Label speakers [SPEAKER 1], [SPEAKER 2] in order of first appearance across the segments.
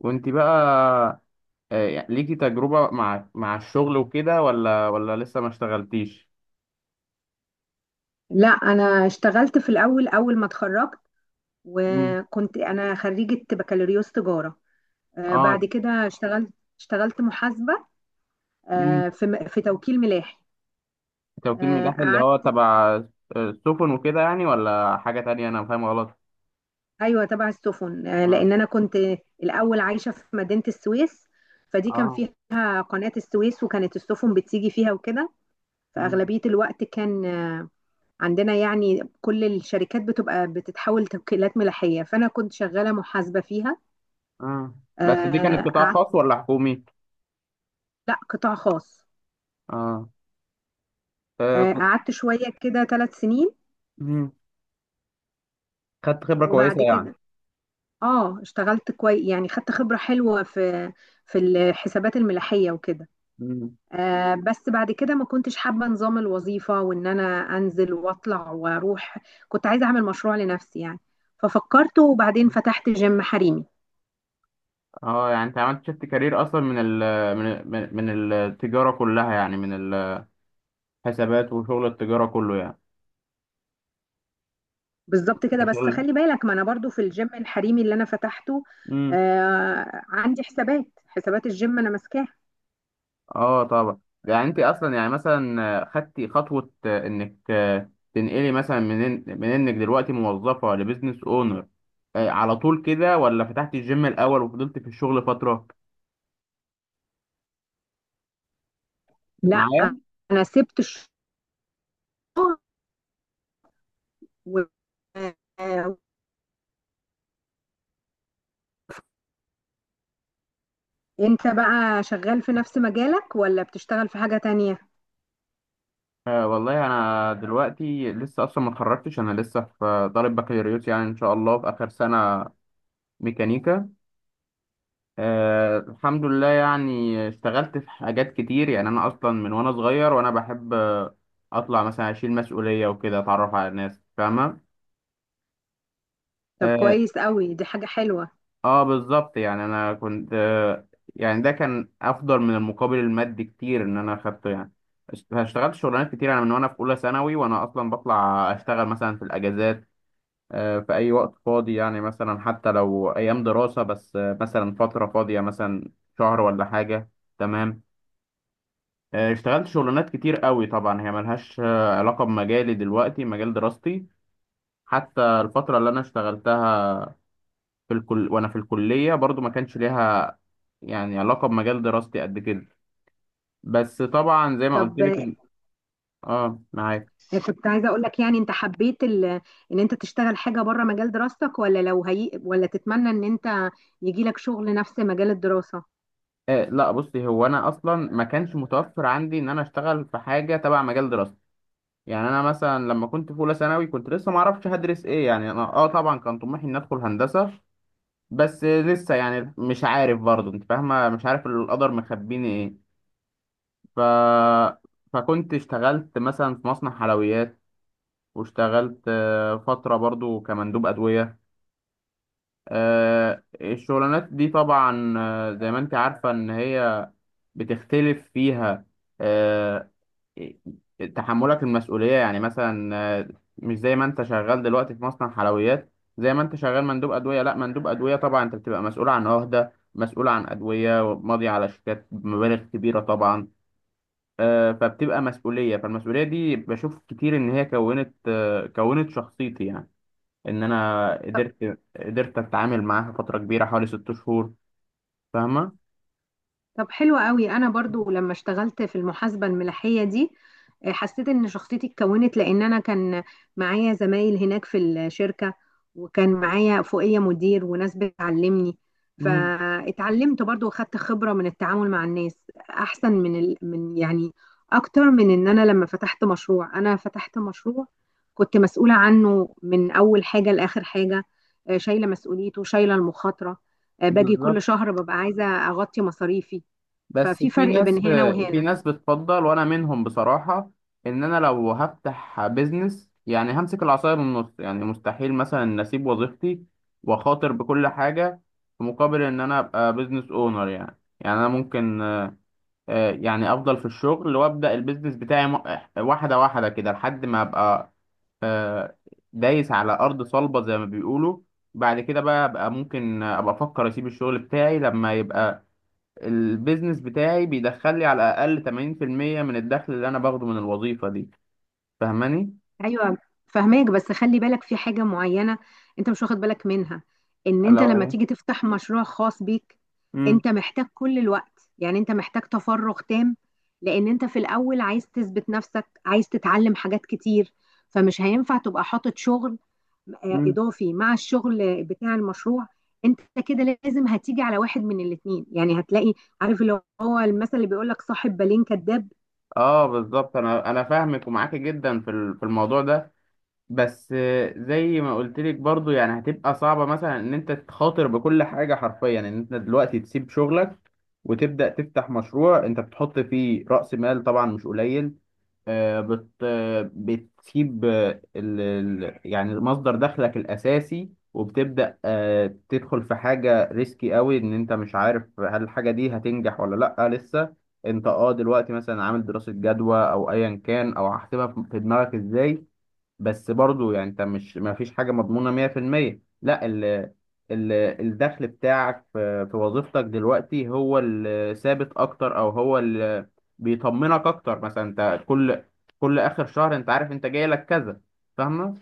[SPEAKER 1] وانت بقى؟ يعني ليكي تجربة مع الشغل وكده ولا لسه ما اشتغلتيش؟
[SPEAKER 2] لا، انا اشتغلت في الاول، اول ما اتخرجت.
[SPEAKER 1] مم.
[SPEAKER 2] وكنت انا خريجة بكالوريوس تجارة.
[SPEAKER 1] اه
[SPEAKER 2] بعد كده اشتغلت محاسبة.
[SPEAKER 1] مم.
[SPEAKER 2] في توكيل ملاحي.
[SPEAKER 1] توكيل ملاحي اللي هو
[SPEAKER 2] قعدت.
[SPEAKER 1] تبع السفن وكده، يعني ولا حاجة تانية؟ انا فاهم غلط.
[SPEAKER 2] ايوه، تبع السفن.
[SPEAKER 1] اه
[SPEAKER 2] لان انا كنت الاول عايشة في مدينة السويس، فدي كان
[SPEAKER 1] اه
[SPEAKER 2] فيها قناة السويس، وكانت السفن بتيجي فيها وكده.
[SPEAKER 1] مم.
[SPEAKER 2] فأغلبية الوقت كان عندنا يعني كل الشركات بتبقى بتتحول توكيلات ملاحية، فأنا كنت شغالة محاسبة فيها.
[SPEAKER 1] اه. بس دي كانت
[SPEAKER 2] آه،
[SPEAKER 1] قطاع خاص ولا حكومي؟
[SPEAKER 2] لا، قطاع خاص.
[SPEAKER 1] اه. كنت.
[SPEAKER 2] قعدت شوية كده 3 سنين.
[SPEAKER 1] مم. خدت خبرة كويسة
[SPEAKER 2] وبعد
[SPEAKER 1] يعني.
[SPEAKER 2] كده اه اشتغلت كويس، يعني خدت خبرة حلوة في الحسابات الملاحية وكده.
[SPEAKER 1] مم.
[SPEAKER 2] بس بعد كده ما كنتش حابة نظام الوظيفة، وان انا انزل واطلع واروح. كنت عايزة اعمل مشروع لنفسي يعني. ففكرت، وبعدين فتحت جيم حريمي.
[SPEAKER 1] اه، يعني انت عملت شفت كارير اصلا من ال من من من التجاره كلها، يعني من الحسابات وشغل التجاره كله يعني.
[SPEAKER 2] بالظبط كده، بس
[SPEAKER 1] شغل.
[SPEAKER 2] خلي بالك، ما انا برضو في الجيم الحريمي اللي انا فتحته عندي حسابات الجيم انا ماسكاها.
[SPEAKER 1] اه طبعا، يعني انت اصلا يعني مثلا خدتي خطوه انك تنقلي مثلا من انك دلوقتي موظفه لبزنس اونر على طول كده، ولا فتحتي الجيم الاول وفضلتي في الشغل فتره
[SPEAKER 2] لا،
[SPEAKER 1] معايا؟
[SPEAKER 2] انا سبت الشغل. و... آه، انت بقى شغال في نفس مجالك ولا بتشتغل في حاجة تانية؟
[SPEAKER 1] والله انا دلوقتي لسه اصلا ما اتخرجتش، انا لسه في طالب بكالوريوس يعني، ان شاء الله في اخر سنه. ميكانيكا. الحمد لله، يعني اشتغلت في حاجات كتير. يعني انا اصلا من وانا صغير وانا بحب اطلع مثلا، اشيل مسؤوليه وكده، اتعرف على ناس فاهمه.
[SPEAKER 2] طب،
[SPEAKER 1] اه.
[SPEAKER 2] كويس قوي، دي حاجة حلوة.
[SPEAKER 1] بالظبط، يعني انا كنت يعني ده كان افضل من المقابل المادي كتير ان انا اخدته يعني. اشتغلت شغلانات كتير. انا من وانا في اولى ثانوي وانا اصلا بطلع اشتغل مثلا في الاجازات، في اي وقت فاضي، يعني مثلا حتى لو ايام دراسة بس مثلا فترة فاضية مثلا شهر ولا حاجة. تمام. اشتغلت شغلانات كتير قوي. طبعا هي ملهاش علاقة بمجالي دلوقتي، مجال دراستي. حتى الفترة اللي انا اشتغلتها في الكل وانا في الكليه برضو ما كانش ليها يعني علاقه بمجال دراستي قد كده. بس طبعا زي ما قلت
[SPEAKER 2] طب،
[SPEAKER 1] لك اه معاك.
[SPEAKER 2] كنت عايزة اقول لك يعني، انت حبيت ان انت تشتغل حاجة بره مجال دراستك، ولا ولا تتمنى ان انت يجي لك شغل نفس مجال الدراسة؟
[SPEAKER 1] لا، بصي، هو انا اصلا ما كانش متوفر عندي ان انا اشتغل في حاجه تبع مجال دراستي. يعني انا مثلا لما كنت في اولى ثانوي كنت لسه ما اعرفش هدرس ايه. يعني انا اه طبعا كان طموحي اني ادخل هندسه، بس لسه يعني مش عارف برضه، انت فاهمه، مش عارف القدر مخبيني ايه. ف فكنت اشتغلت مثلا في مصنع حلويات، واشتغلت فترة برضو كمندوب أدوية. الشغلانات دي طبعا زي ما انت عارفة ان هي بتختلف فيها. آه، إيه، تحملك المسؤولية يعني مثلا آه، مش زي ما انت شغال دلوقتي في مصنع حلويات، زي ما انت شغال مندوب أدوية. لا، مندوب أدوية طبعا انت بتبقى مسؤول عن عهدة، مسؤول عن أدوية، ماضي على شيكات بمبالغ كبيرة طبعا. فبتبقى مسؤولية، فالمسؤولية دي بشوف كتير ان هي كونت كونت شخصيتي. يعني ان انا قدرت اتعامل معاها فتره كبيره، حوالي 6 شهور. فاهمه؟
[SPEAKER 2] طب، حلو قوي. انا برضو لما اشتغلت في المحاسبه الملاحيه دي، حسيت ان شخصيتي اتكونت، لان انا كان معايا زمايل هناك في الشركه، وكان معايا فوقيه مدير وناس بتعلمني.
[SPEAKER 1] مم.
[SPEAKER 2] فاتعلمت برضو، واخدت خبره من التعامل مع الناس احسن من يعني اكتر من، ان انا لما فتحت مشروع، انا فتحت مشروع كنت مسؤوله عنه من اول حاجه لاخر حاجه. شايله مسؤوليته، شايله المخاطره. باجي كل
[SPEAKER 1] بالظبط.
[SPEAKER 2] شهر ببقى عايزه اغطي مصاريفي.
[SPEAKER 1] بس
[SPEAKER 2] ففي
[SPEAKER 1] في
[SPEAKER 2] فرق
[SPEAKER 1] ناس،
[SPEAKER 2] بين هنا
[SPEAKER 1] في
[SPEAKER 2] وهنا.
[SPEAKER 1] ناس بتفضل وانا منهم بصراحه، ان انا لو هفتح بيزنس يعني همسك العصايه من النص. يعني مستحيل مثلا إن اسيب وظيفتي واخاطر بكل حاجه في مقابل ان انا ابقى بيزنس اونر. يعني، يعني انا ممكن يعني افضل في الشغل وابدا البيزنس بتاعي واحده واحده كده لحد ما ابقى آه، دايس على ارض صلبه زي ما بيقولوا. بعد كده بقى ممكن ابقى افكر اسيب الشغل بتاعي لما يبقى البيزنس بتاعي بيدخل لي على الاقل 80% من الدخل اللي انا باخده من الوظيفه دي. فاهماني؟
[SPEAKER 2] ايوه، فهماك، بس خلي بالك في حاجه معينه انت مش واخد بالك منها، ان انت
[SPEAKER 1] لو
[SPEAKER 2] لما
[SPEAKER 1] هي
[SPEAKER 2] تيجي تفتح مشروع خاص بيك،
[SPEAKER 1] امم
[SPEAKER 2] انت محتاج كل الوقت، يعني انت محتاج تفرغ تام. لان انت في الاول عايز تثبت نفسك، عايز تتعلم حاجات كتير. فمش هينفع تبقى حاطط شغل
[SPEAKER 1] امم
[SPEAKER 2] اضافي مع الشغل بتاع المشروع. انت كده لازم هتيجي على واحد من الاتنين، يعني هتلاقي، عارف اللي هو المثل اللي بيقول لك: صاحب بالين كذاب.
[SPEAKER 1] اه، بالظبط. انا فاهمك ومعاكي جدا في في الموضوع ده. بس زي ما قلت لك برضو، يعني هتبقى صعبة مثلا ان انت تخاطر بكل حاجة حرفيا، ان انت دلوقتي تسيب شغلك وتبدأ تفتح مشروع انت بتحط فيه رأس مال طبعا مش قليل. آه، بت آه، بتسيب يعني مصدر دخلك الأساسي، وبتبدأ تدخل في حاجة ريسكي قوي، ان انت مش عارف هل الحاجة دي هتنجح ولا لأ لسه. انت اه دلوقتي مثلا عامل دراسة جدوى او ايا كان، او هحسبها في دماغك ازاي. بس برضو يعني انت مش، ما فيش حاجه مضمونه 100%. لا، ال ال الدخل بتاعك في وظيفتك دلوقتي هو الثابت اكتر، او هو اللي بيطمنك اكتر. مثلا انت كل اخر شهر انت عارف انت جاي لك كذا. فاهمه؟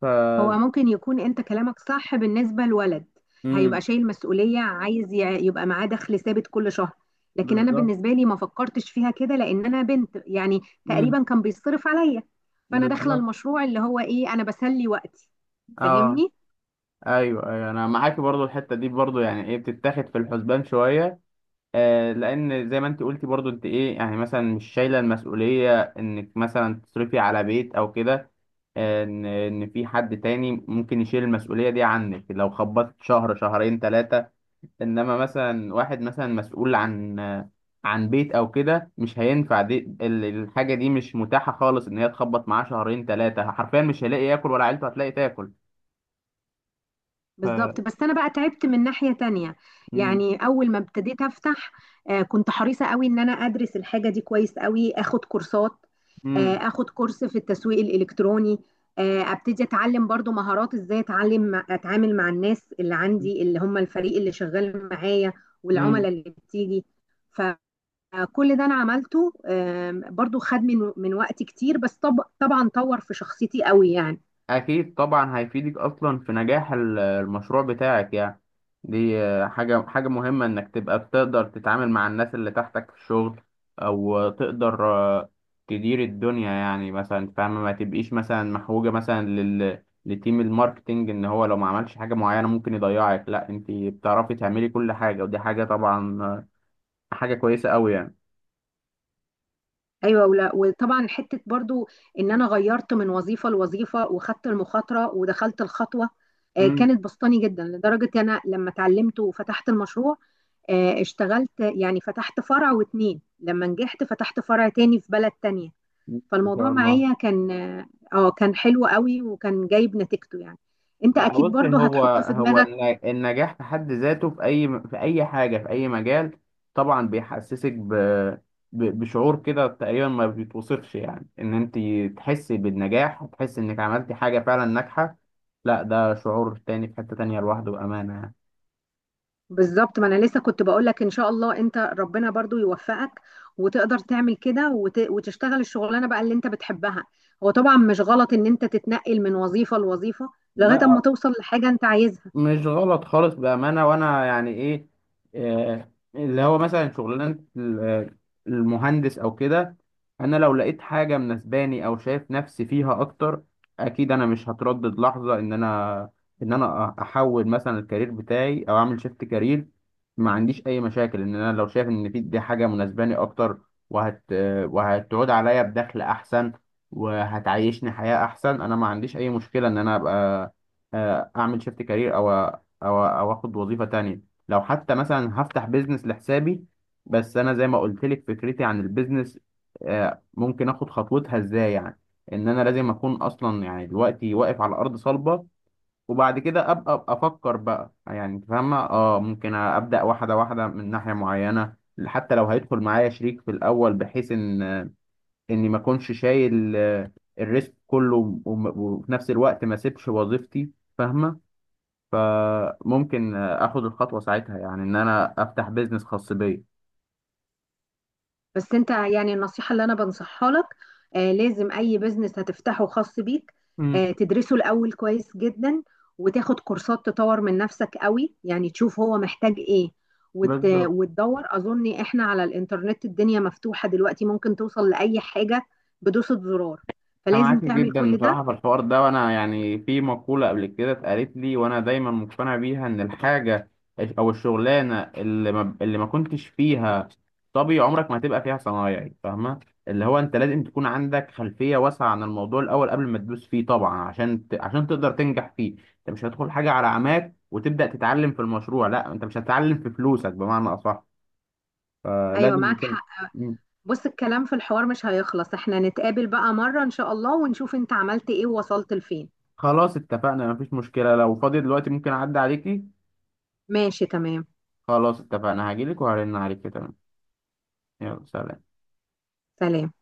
[SPEAKER 1] ف
[SPEAKER 2] هو ممكن يكون انت كلامك صح بالنسبة لولد
[SPEAKER 1] امم
[SPEAKER 2] هيبقى شايل مسؤولية، عايز يبقى معاه دخل ثابت كل شهر. لكن انا
[SPEAKER 1] بالظبط.
[SPEAKER 2] بالنسبة لي، ما فكرتش فيها كده، لان انا بنت يعني،
[SPEAKER 1] امم
[SPEAKER 2] تقريبا كان بيصرف عليا. فانا داخلة
[SPEAKER 1] بالظبط.
[SPEAKER 2] المشروع اللي هو ايه، انا بسلي وقتي.
[SPEAKER 1] اه،
[SPEAKER 2] فاهمني؟
[SPEAKER 1] ايوه ايوه انا معاك. برضو الحته دي برضو يعني ايه بتتاخد في الحسبان شويه. لان زي ما انت قلتي برضو، انت ايه يعني مثلا مش شايله المسؤوليه انك مثلا تصرفي على بيت او كده. ان في حد تاني ممكن يشيل المسؤوليه دي عنك لو خبطت شهر شهرين ثلاثه. انما مثلا واحد مثلا مسؤول عن عن بيت او كده، مش هينفع. دي الحاجه دي مش متاحه خالص ان هي تخبط معاه شهرين ثلاثه، حرفيا مش هيلاقي ياكل، ولا عيلته هتلاقي تاكل. ف...
[SPEAKER 2] بالظبط، بس انا بقى تعبت من ناحية تانية.
[SPEAKER 1] مم.
[SPEAKER 2] يعني اول ما ابتديت افتح، كنت حريصة قوي ان انا ادرس الحاجة دي كويس قوي، اخد كورسات.
[SPEAKER 1] مم.
[SPEAKER 2] اخد كورس في التسويق الالكتروني. ابتدي اتعلم برضو مهارات، ازاي اتعلم اتعامل مع الناس اللي عندي اللي هم الفريق اللي شغال معايا،
[SPEAKER 1] مم.
[SPEAKER 2] والعملاء اللي بتيجي. فكل ده انا عملته، برضو خد من وقت كتير، بس طب طبعا طور في شخصيتي قوي يعني.
[SPEAKER 1] أكيد، طبعا هيفيدك أصلا في نجاح المشروع بتاعك يعني. دي حاجة، حاجة مهمة إنك تبقى بتقدر تتعامل مع الناس اللي تحتك في الشغل، أو تقدر تدير الدنيا. يعني مثلا فاهمة، ما تبقيش مثلا محوجة مثلا لتيم الماركتينج إن هو لو ما عملش حاجة معينة ممكن يضيعك. لأ، أنت بتعرفي تعملي كل حاجة، ودي حاجة طبعا حاجة كويسة أوي يعني.
[SPEAKER 2] ايوه، ولا، وطبعا حته برضو ان انا غيرت من وظيفه لوظيفه، وخدت المخاطره، ودخلت الخطوه.
[SPEAKER 1] مم.
[SPEAKER 2] كانت بسطاني جدا لدرجه انا لما اتعلمت وفتحت المشروع. اشتغلت يعني فتحت فرع واتنين، لما نجحت فتحت فرع تاني في بلد تانية.
[SPEAKER 1] إن
[SPEAKER 2] فالموضوع
[SPEAKER 1] شاء الله.
[SPEAKER 2] معايا كان كان حلو قوي، وكان جايب نتيجته يعني. انت
[SPEAKER 1] لا،
[SPEAKER 2] اكيد
[SPEAKER 1] بص،
[SPEAKER 2] برضو
[SPEAKER 1] هو
[SPEAKER 2] هتحط في
[SPEAKER 1] هو
[SPEAKER 2] دماغك.
[SPEAKER 1] النجاح في حد ذاته، في اي، في اي حاجه، في اي مجال، طبعا بيحسسك بشعور كده تقريبا ما بيتوصفش، يعني ان انت تحسي بالنجاح، تحسي انك عملتي حاجه فعلا ناجحه. لا ده شعور تاني في حته تانيه لوحده، بامانه يعني.
[SPEAKER 2] بالظبط، ما انا لسه كنت بقول لك، ان شاء الله انت ربنا برضو يوفقك، وتقدر تعمل كده وتشتغل الشغلانه بقى اللي انت بتحبها. هو طبعا مش غلط ان انت تتنقل من وظيفه لوظيفه، لغايه اما
[SPEAKER 1] لا،
[SPEAKER 2] توصل لحاجه انت عايزها.
[SPEAKER 1] مش غلط خالص بأمانة. وأنا يعني إيه، اللي هو مثلا شغلانة المهندس أو كده، أنا لو لقيت حاجة مناسباني أو شايف نفسي فيها أكتر، أكيد أنا مش هتردد لحظة إن أنا، إن أنا أحول مثلا الكارير بتاعي أو أعمل شيفت كارير. ما عنديش أي مشاكل إن أنا لو شايف إن في دي حاجة مناسباني أكتر، وهتعود عليا بدخل أحسن، وهتعيشني حياة أحسن. أنا ما عنديش أي مشكلة إن أنا أبقى اعمل شيفت كارير او او اخد وظيفه تانية. لو حتى مثلا هفتح بيزنس لحسابي. بس انا زي ما قلت لك، فكرتي عن البيزنس ممكن اخد خطوتها ازاي، يعني ان انا لازم اكون اصلا يعني دلوقتي واقف على ارض صلبه، وبعد كده أبقى افكر بقى. يعني انت فاهمه اه ممكن ابدا واحده واحده من ناحيه معينه. حتى لو هيدخل معايا شريك في الاول، بحيث ان اني ما اكونش شايل الريسك كله، وفي نفس الوقت ما اسيبش وظيفتي. فاهمه؟ فممكن اخد الخطوه ساعتها، يعني ان انا افتح بيزنس خاص بيا.
[SPEAKER 2] بس انت يعني النصيحة اللي انا بنصحها لك، لازم اي بزنس هتفتحه خاص بيك
[SPEAKER 1] امم
[SPEAKER 2] تدرسه الاول كويس جدا. وتاخد كورسات، تطور من نفسك قوي، يعني تشوف هو محتاج ايه،
[SPEAKER 1] بالظبط.
[SPEAKER 2] وتدور. اظن احنا على الانترنت الدنيا مفتوحة دلوقتي، ممكن توصل لأي حاجة بدوسة زرار.
[SPEAKER 1] انا
[SPEAKER 2] فلازم
[SPEAKER 1] معاك
[SPEAKER 2] تعمل
[SPEAKER 1] جدا
[SPEAKER 2] كل ده.
[SPEAKER 1] بصراحه في الحوار ده. وانا يعني في مقوله قبل كده اتقالت لي وانا دايما مقتنع بيها، ان الحاجه او الشغلانه اللي ما كنتش فيها، طبي عمرك ما هتبقى فيها صنايعي. فاهمه؟ اللي هو انت لازم تكون عندك خلفيه واسعه عن الموضوع الاول قبل ما تدوس فيه، طبعا عشان عشان تقدر تنجح فيه. انت مش هتدخل حاجه على عماك وتبدا تتعلم في المشروع. لا، انت مش هتتعلم في فلوسك، بمعنى اصح.
[SPEAKER 2] ايوه،
[SPEAKER 1] فلازم
[SPEAKER 2] معاك
[SPEAKER 1] يكون.
[SPEAKER 2] حق.
[SPEAKER 1] مم.
[SPEAKER 2] بص، الكلام في الحوار مش هيخلص، احنا نتقابل بقى مرة ان شاء الله، ونشوف انت عملت ايه ووصلت لفين.
[SPEAKER 1] خلاص اتفقنا، مفيش مشكلة. لو فاضي دلوقتي ممكن أعدي عليكي.
[SPEAKER 2] ماشي، تمام.
[SPEAKER 1] خلاص اتفقنا، هجيلك وهرن عليكي. تمام. يلا سلام.
[SPEAKER 2] سلام.